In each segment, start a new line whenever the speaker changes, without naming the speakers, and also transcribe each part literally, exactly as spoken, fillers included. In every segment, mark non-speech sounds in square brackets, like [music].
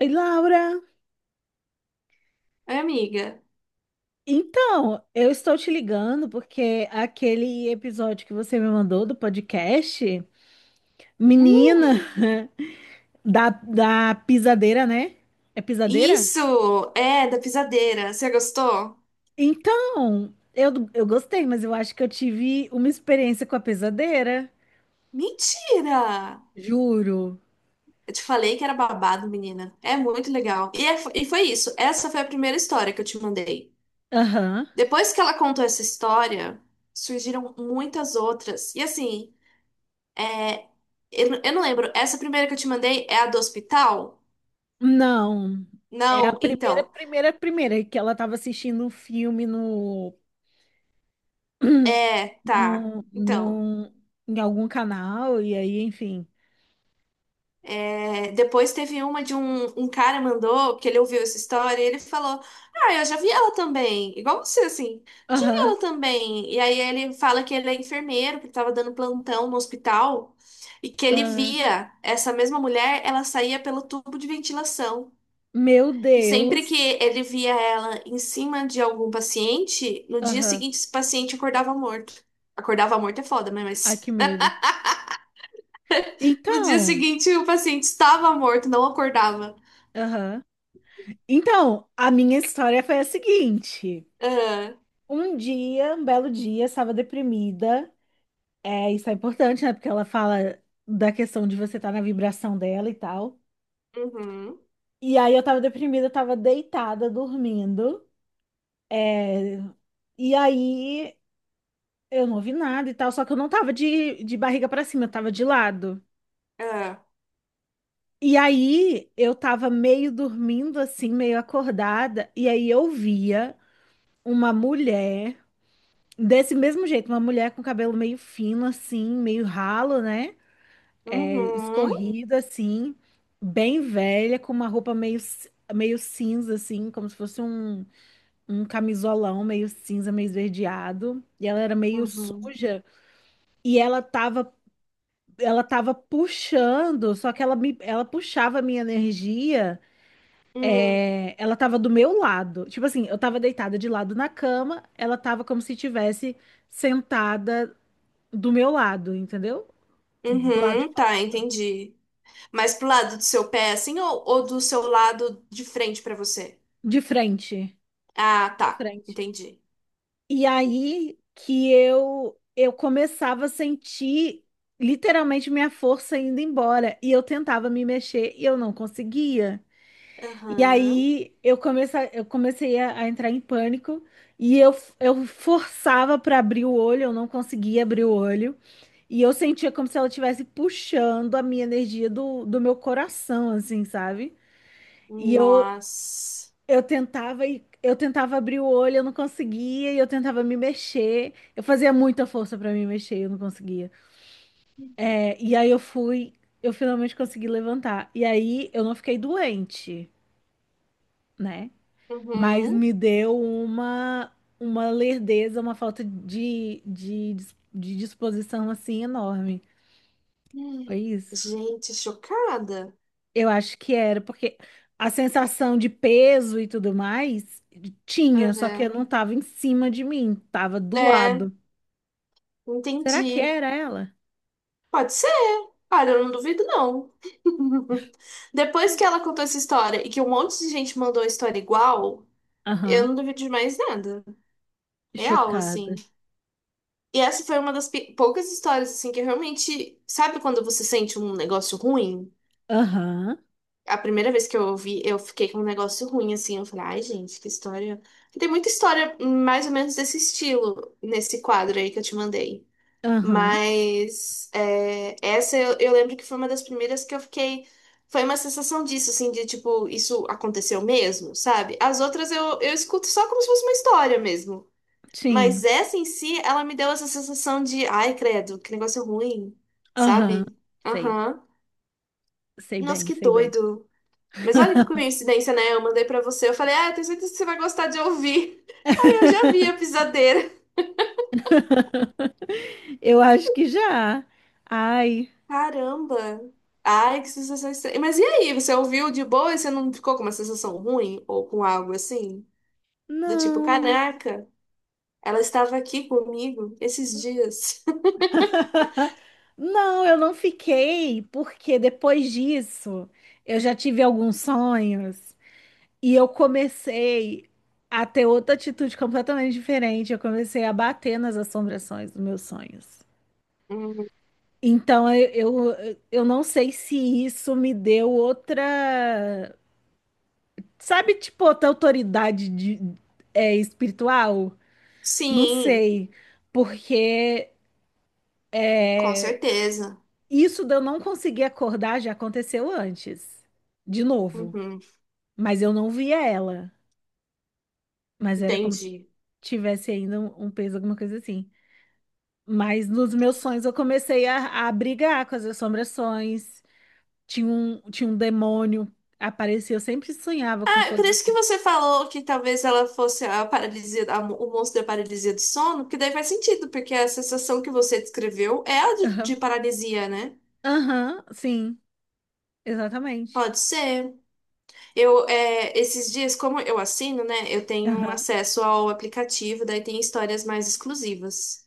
Oi, Laura.
Oi, amiga.
Então, eu estou te ligando porque aquele episódio que você me mandou do podcast, menina,
Hum,
[laughs] da, da pisadeira, né? É pisadeira?
isso! É, da pisadeira. Você gostou?
Então, eu, eu gostei, mas eu acho que eu tive uma experiência com a pisadeira,
Mentira!
juro.
Eu te falei que era babado, menina. É muito legal. E, é- e foi isso. Essa foi a primeira história que eu te mandei.
Aham.
Depois que ela contou essa história, surgiram muitas outras. E assim, é, eu, não- eu não lembro. Essa primeira que eu te mandei é a do hospital?
Não. É a
Não,
primeira,
então.
primeira, primeira que ela estava assistindo um filme no,
É,
[clears throat]
tá.
no,
Então.
no, em algum canal, e aí, enfim.
É, depois teve uma de um, um cara mandou, que ele ouviu essa história, e ele falou: "Ah, eu já vi ela também, igual você, assim, já vi
Aham,
ela também". E aí ele fala que ele é enfermeiro, que estava dando plantão no hospital, e que ele
aham.
via essa mesma mulher, ela saía pelo tubo de ventilação.
Meu
E sempre que
Deus.
ele via ela em cima de algum paciente, no dia
Aham.
seguinte esse paciente acordava morto. Acordava morto é foda, né?
Ai,
Mas
que medo.
[laughs] no dia
Então,
seguinte o paciente estava morto, não acordava.
aham. Então, a minha história foi a seguinte.
Aham.
Um dia, um belo dia, estava deprimida. É, isso é importante, né? Porque ela fala da questão de você estar na vibração dela e tal.
Uhum.
E aí eu tava deprimida, eu tava deitada, dormindo. E aí eu não ouvi nada e tal, só que eu não tava de, de barriga para cima, eu tava de lado.
É.
E aí eu tava meio dormindo assim, meio acordada, e aí eu via uma mulher desse mesmo jeito, uma mulher com cabelo meio fino assim, meio ralo, né? É,
Uhum.
escorrido assim, bem velha, com uma roupa meio ci- meio cinza assim, como se fosse um um camisolão meio cinza, meio esverdeado, e ela era meio
Uhum.
suja, e ela tava ela tava puxando, só que ela me ela puxava a minha energia.
Hum.
É, ela tava do meu lado. Tipo assim, eu tava deitada de lado na cama, ela tava como se tivesse sentada do meu lado, entendeu? Do lado de,
Uhum.
fora-
Tá, entendi. Mas pro lado do seu pé, assim, ou, ou do seu lado de frente pra você?
De frente,
Ah,
de
tá.
frente.
Entendi.
E aí que eu eu começava a sentir literalmente minha força indo embora e eu tentava me mexer e eu não conseguia. E
Aham.
aí eu comecei, eu comecei a, a entrar em pânico e eu, eu forçava para abrir o olho, eu não conseguia abrir o olho. E eu sentia como se ela estivesse puxando a minha energia do, do meu coração, assim, sabe? E eu,
Nossa.
eu tentava e eu tentava abrir o olho, eu não conseguia, e eu tentava me mexer. Eu fazia muita força pra me mexer, eu não conseguia. É, e aí eu fui, eu finalmente consegui levantar. E aí eu não fiquei doente, né? Mas
Uhum.
me deu uma uma lerdeza, uma falta de, de, de disposição assim enorme.
Hum.
Foi isso.
Gente, chocada.
Eu acho que era, porque a sensação de peso e tudo mais tinha, só que
Uhum.
eu não tava em cima de mim, tava do
É,
lado. Será que
entendi.
era ela?
Pode ser. Olha, eu não duvido, não. [laughs] Depois que ela contou essa história e que um monte de gente mandou a história igual, Eu
Aham,
não duvido de mais nada. Real,
chocada.
assim. E essa foi uma das pi- poucas histórias, assim, que eu realmente. Sabe quando você sente um negócio ruim?
Aham,
A primeira vez que eu ouvi, eu fiquei com um negócio ruim, assim. Eu falei, ai, gente, que história. Tem muita história mais ou menos desse estilo, nesse quadro aí que eu te mandei.
aham,
Mas é, essa eu, eu lembro que foi uma das primeiras que eu fiquei. Foi uma sensação disso, assim, de tipo, isso aconteceu mesmo, sabe? As outras eu, eu escuto só como se fosse uma história mesmo. Mas
sim,
essa em si, ela me deu essa sensação de, ai, credo, que negócio ruim,
aham,
sabe?
sei,
Aham.
sei
Nossa,
bem,
que
sei bem.
doido. Mas olha que coincidência, né? Eu mandei pra você, eu falei, ah, eu tenho certeza que você vai gostar de ouvir. [laughs] Aí eu já vi a
[laughs]
pisadeira.
Eu acho que já. Ai,
Caramba. Ai, que sensação estranha. Mas e aí, você ouviu de boa e você não ficou com uma sensação ruim ou com algo assim? Do tipo,
não.
caraca, ela estava aqui comigo esses dias. [laughs]
[laughs] Não, eu não fiquei, porque depois disso eu já tive alguns sonhos e eu comecei a ter outra atitude completamente diferente. Eu comecei a bater nas assombrações dos meus sonhos.
Hum.
Então eu, eu, eu não sei se isso me deu outra, sabe, tipo, outra autoridade de, é, espiritual? Não
Sim,
sei, porque.
com certeza.
Isso de eu não conseguir acordar já aconteceu antes, de novo.
Uhum,
Mas eu não via ela. Mas era como se
entendi.
tivesse ainda um, um peso, alguma coisa assim. Mas nos meus sonhos eu comecei a, a brigar com as assombrações. Tinha um, tinha um demônio, aparecia. Eu sempre sonhava com
Ah, por
coisa
isso que
assim.
você falou que talvez ela fosse a paralisia, a mo- o monstro da paralisia do sono, que daí faz sentido, porque a sensação que você descreveu é a de,
Aham,
de paralisia, né?
aham, sim, exatamente.
Pode ser. Eu, é, esses dias, como eu assino, né, eu tenho
Aham,
acesso ao aplicativo, daí tem histórias mais exclusivas.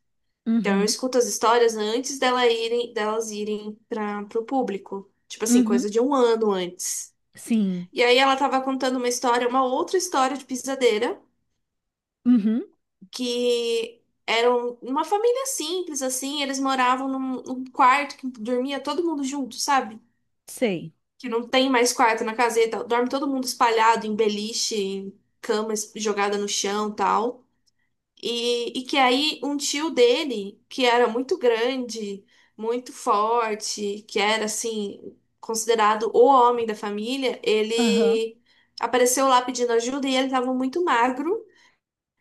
Então eu
uhum.
escuto as histórias antes dela irem, delas irem para o público. Tipo assim,
Uhum.
coisa de um ano antes.
Sim.
E aí ela tava contando uma história, uma outra história de pisadeira.
Uhum.
que eram uma família simples, assim, eles moravam num, num quarto que dormia todo mundo junto, sabe?
Sei.
Que não tem mais quarto na caseta, dorme todo mundo espalhado em beliche, em cama es- jogada no chão, e tal. E, e que aí um tio dele, que era muito grande, muito forte, que era assim, considerado o homem da família,
Aham.
ele apareceu lá pedindo ajuda e ele estava muito magro.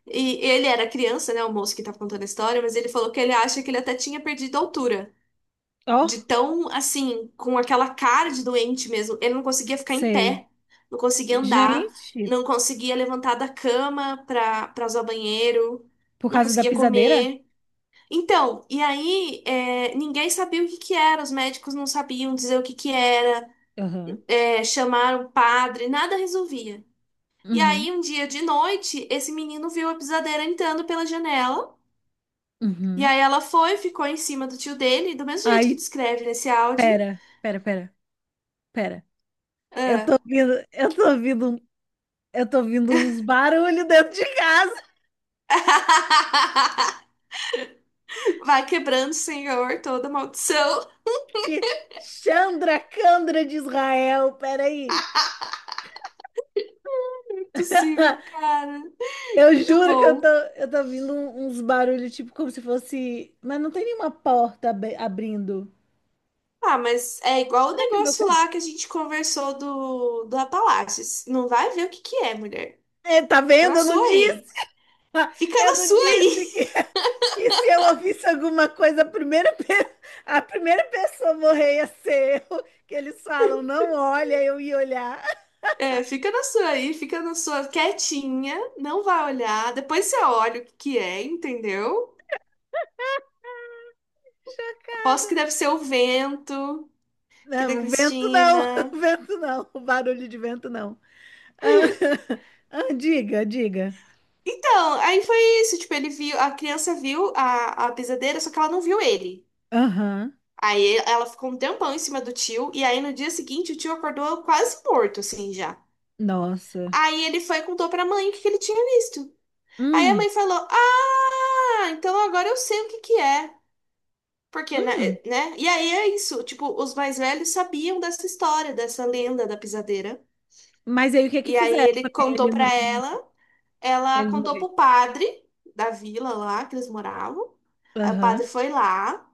E ele era criança, né, o moço que tá contando a história, mas ele falou que ele acha que ele até tinha perdido a altura.
Ó,
De tão, assim, com aquela cara de doente mesmo. Ele não conseguia ficar em pé,
sei.
não conseguia andar,
Gente.
não conseguia levantar da cama pra, pra usar o banheiro,
Por
não
causa da
conseguia
pisadeira?
comer. Então, e aí, é, ninguém sabia o que que era, os médicos não sabiam dizer o que que era,
Aham.
é, chamaram o padre, nada resolvia. E
Uhum.
aí, um dia de noite, esse menino viu a pisadeira entrando pela janela. E
Uhum.
aí ela foi, ficou em cima do tio dele, do mesmo jeito que
Ai,
descreve nesse áudio.
pera, pera, pera, pera. Eu tô
Ah.
ouvindo, eu tô ouvindo, um- eu tô ouvindo uns barulhos dentro de casa
[laughs] Vai quebrando, Senhor, toda maldição.
que Chandra Candra de Israel, peraí.
[laughs] Impossível,
[laughs]
cara.
Eu
Muito
juro que eu tô,
bom.
eu tô ouvindo um- uns barulhos, tipo, como se fosse. Mas não tem nenhuma porta ab- abrindo.
Ah, mas é igual o
Será que é meu
negócio lá
cachorro?
que a gente conversou do, do Apalaches. Não vai ver o que que é, mulher.
É, tá
Fica
vendo?
na
Eu não
sua aí.
disse! [laughs]
Fica
Eu
na
não
sua
disse
aí.
que.
[laughs]
Que se eu ouvisse alguma coisa, a primeira, pe- [laughs] a primeira pessoa a morrer ia ser eu, que eles falam, não olha, eu ia olhar. [laughs]
É, fica na sua aí, fica na sua quietinha, não vai olhar. Depois você olha o que que é, entendeu? Aposto
Chocada.
que deve ser o vento. que da
Não, o vento não, [laughs]
Cristina.
o vento não, o barulho de vento não. Ah, [laughs] ah, diga, diga.
Então, aí foi isso, tipo, ele viu, a criança viu a, a pisadeira, só que ela não viu ele.
Aham,
Aí ela ficou um tempão em cima do tio, e aí no dia seguinte o tio acordou quase morto, assim, já.
nossa.
Aí ele foi e contou pra mãe o que que ele tinha visto. Aí a
Hum,
mãe falou, ah, então agora eu sei o que que é. Porque, né?
hum.
é, né? E aí é isso, tipo, os mais velhos sabiam dessa história, dessa lenda da pisadeira.
Mas aí o que é que
E aí
fizeram
ele
para
contou
ele não,
pra ela,
pra
Ela
ele não
contou
morrer?
pro padre da vila lá que eles moravam. Aí o padre
Aham,
foi lá,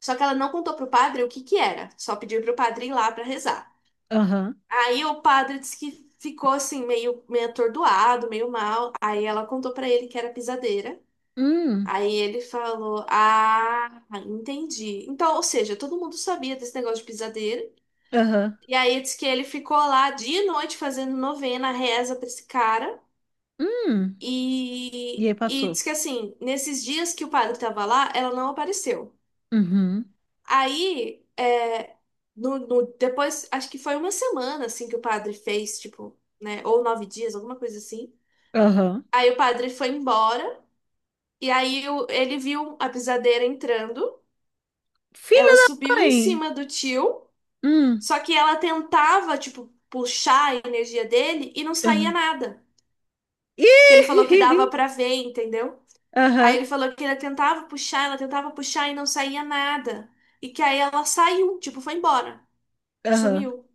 só que ela não contou pro padre o que que era, só pediu pro padre ir lá pra rezar.
aham.
Aí o padre disse que ficou assim meio meio atordoado, meio mal. Aí ela contou pra ele que era pisadeira.
Hum,
Aí ele falou: "Ah, entendi". Então, ou seja, todo mundo sabia desse negócio de pisadeira.
aham.
E aí diz que ele ficou lá dia e noite fazendo novena, reza pra esse cara.
Hum. E
E,
aí
e
passou.
diz que assim, nesses dias que o padre estava lá, ela não apareceu.
Uhum,
Aí, é, no, no- depois, acho que foi uma semana assim que o padre fez, tipo, né? Ou nove dias, alguma coisa assim.
aham.
Aí o padre foi embora, e aí o- ele viu a pisadeira entrando.
Filha
Ela
da
subiu em
mãe!
cima do tio,
Hum,
só que ela tentava, tipo, puxar a energia dele e não saía
aham.
nada. que
Ih,
ele falou que dava
[laughs]
pra ver, entendeu? Aí
aham,
ele falou que ela tentava puxar, ela tentava puxar e não saía nada. E que aí ela saiu, tipo, foi embora,
aham,
sumiu.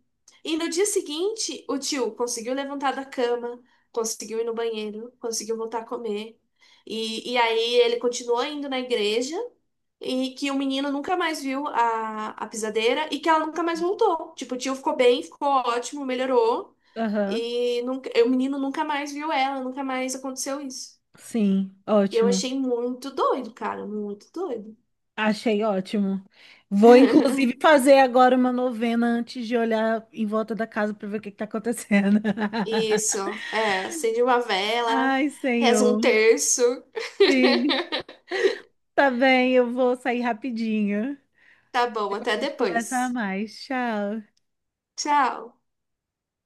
E no dia seguinte, o tio conseguiu levantar da cama, conseguiu ir no banheiro, conseguiu voltar a comer. E, e aí ele continuou indo na igreja e que o menino nunca mais viu a, a pisadeira e que ela nunca mais voltou. Tipo, o tio ficou bem, ficou ótimo, melhorou.
aham.
E nunca, o menino nunca mais viu ela, nunca mais aconteceu isso.
Sim,
E eu
ótimo.
achei muito doido, cara, muito doido.
Achei ótimo. Vou, inclusive,
[laughs]
fazer agora uma novena antes de olhar em volta da casa para ver o que está acontecendo. [laughs]
Isso, é, acende uma vela,
Ai,
reza um
Senhor.
terço.
Sim, tá bem, eu vou sair rapidinho.
Tá bom, até
A gente conversa
depois.
mais. Tchau.
Tchau.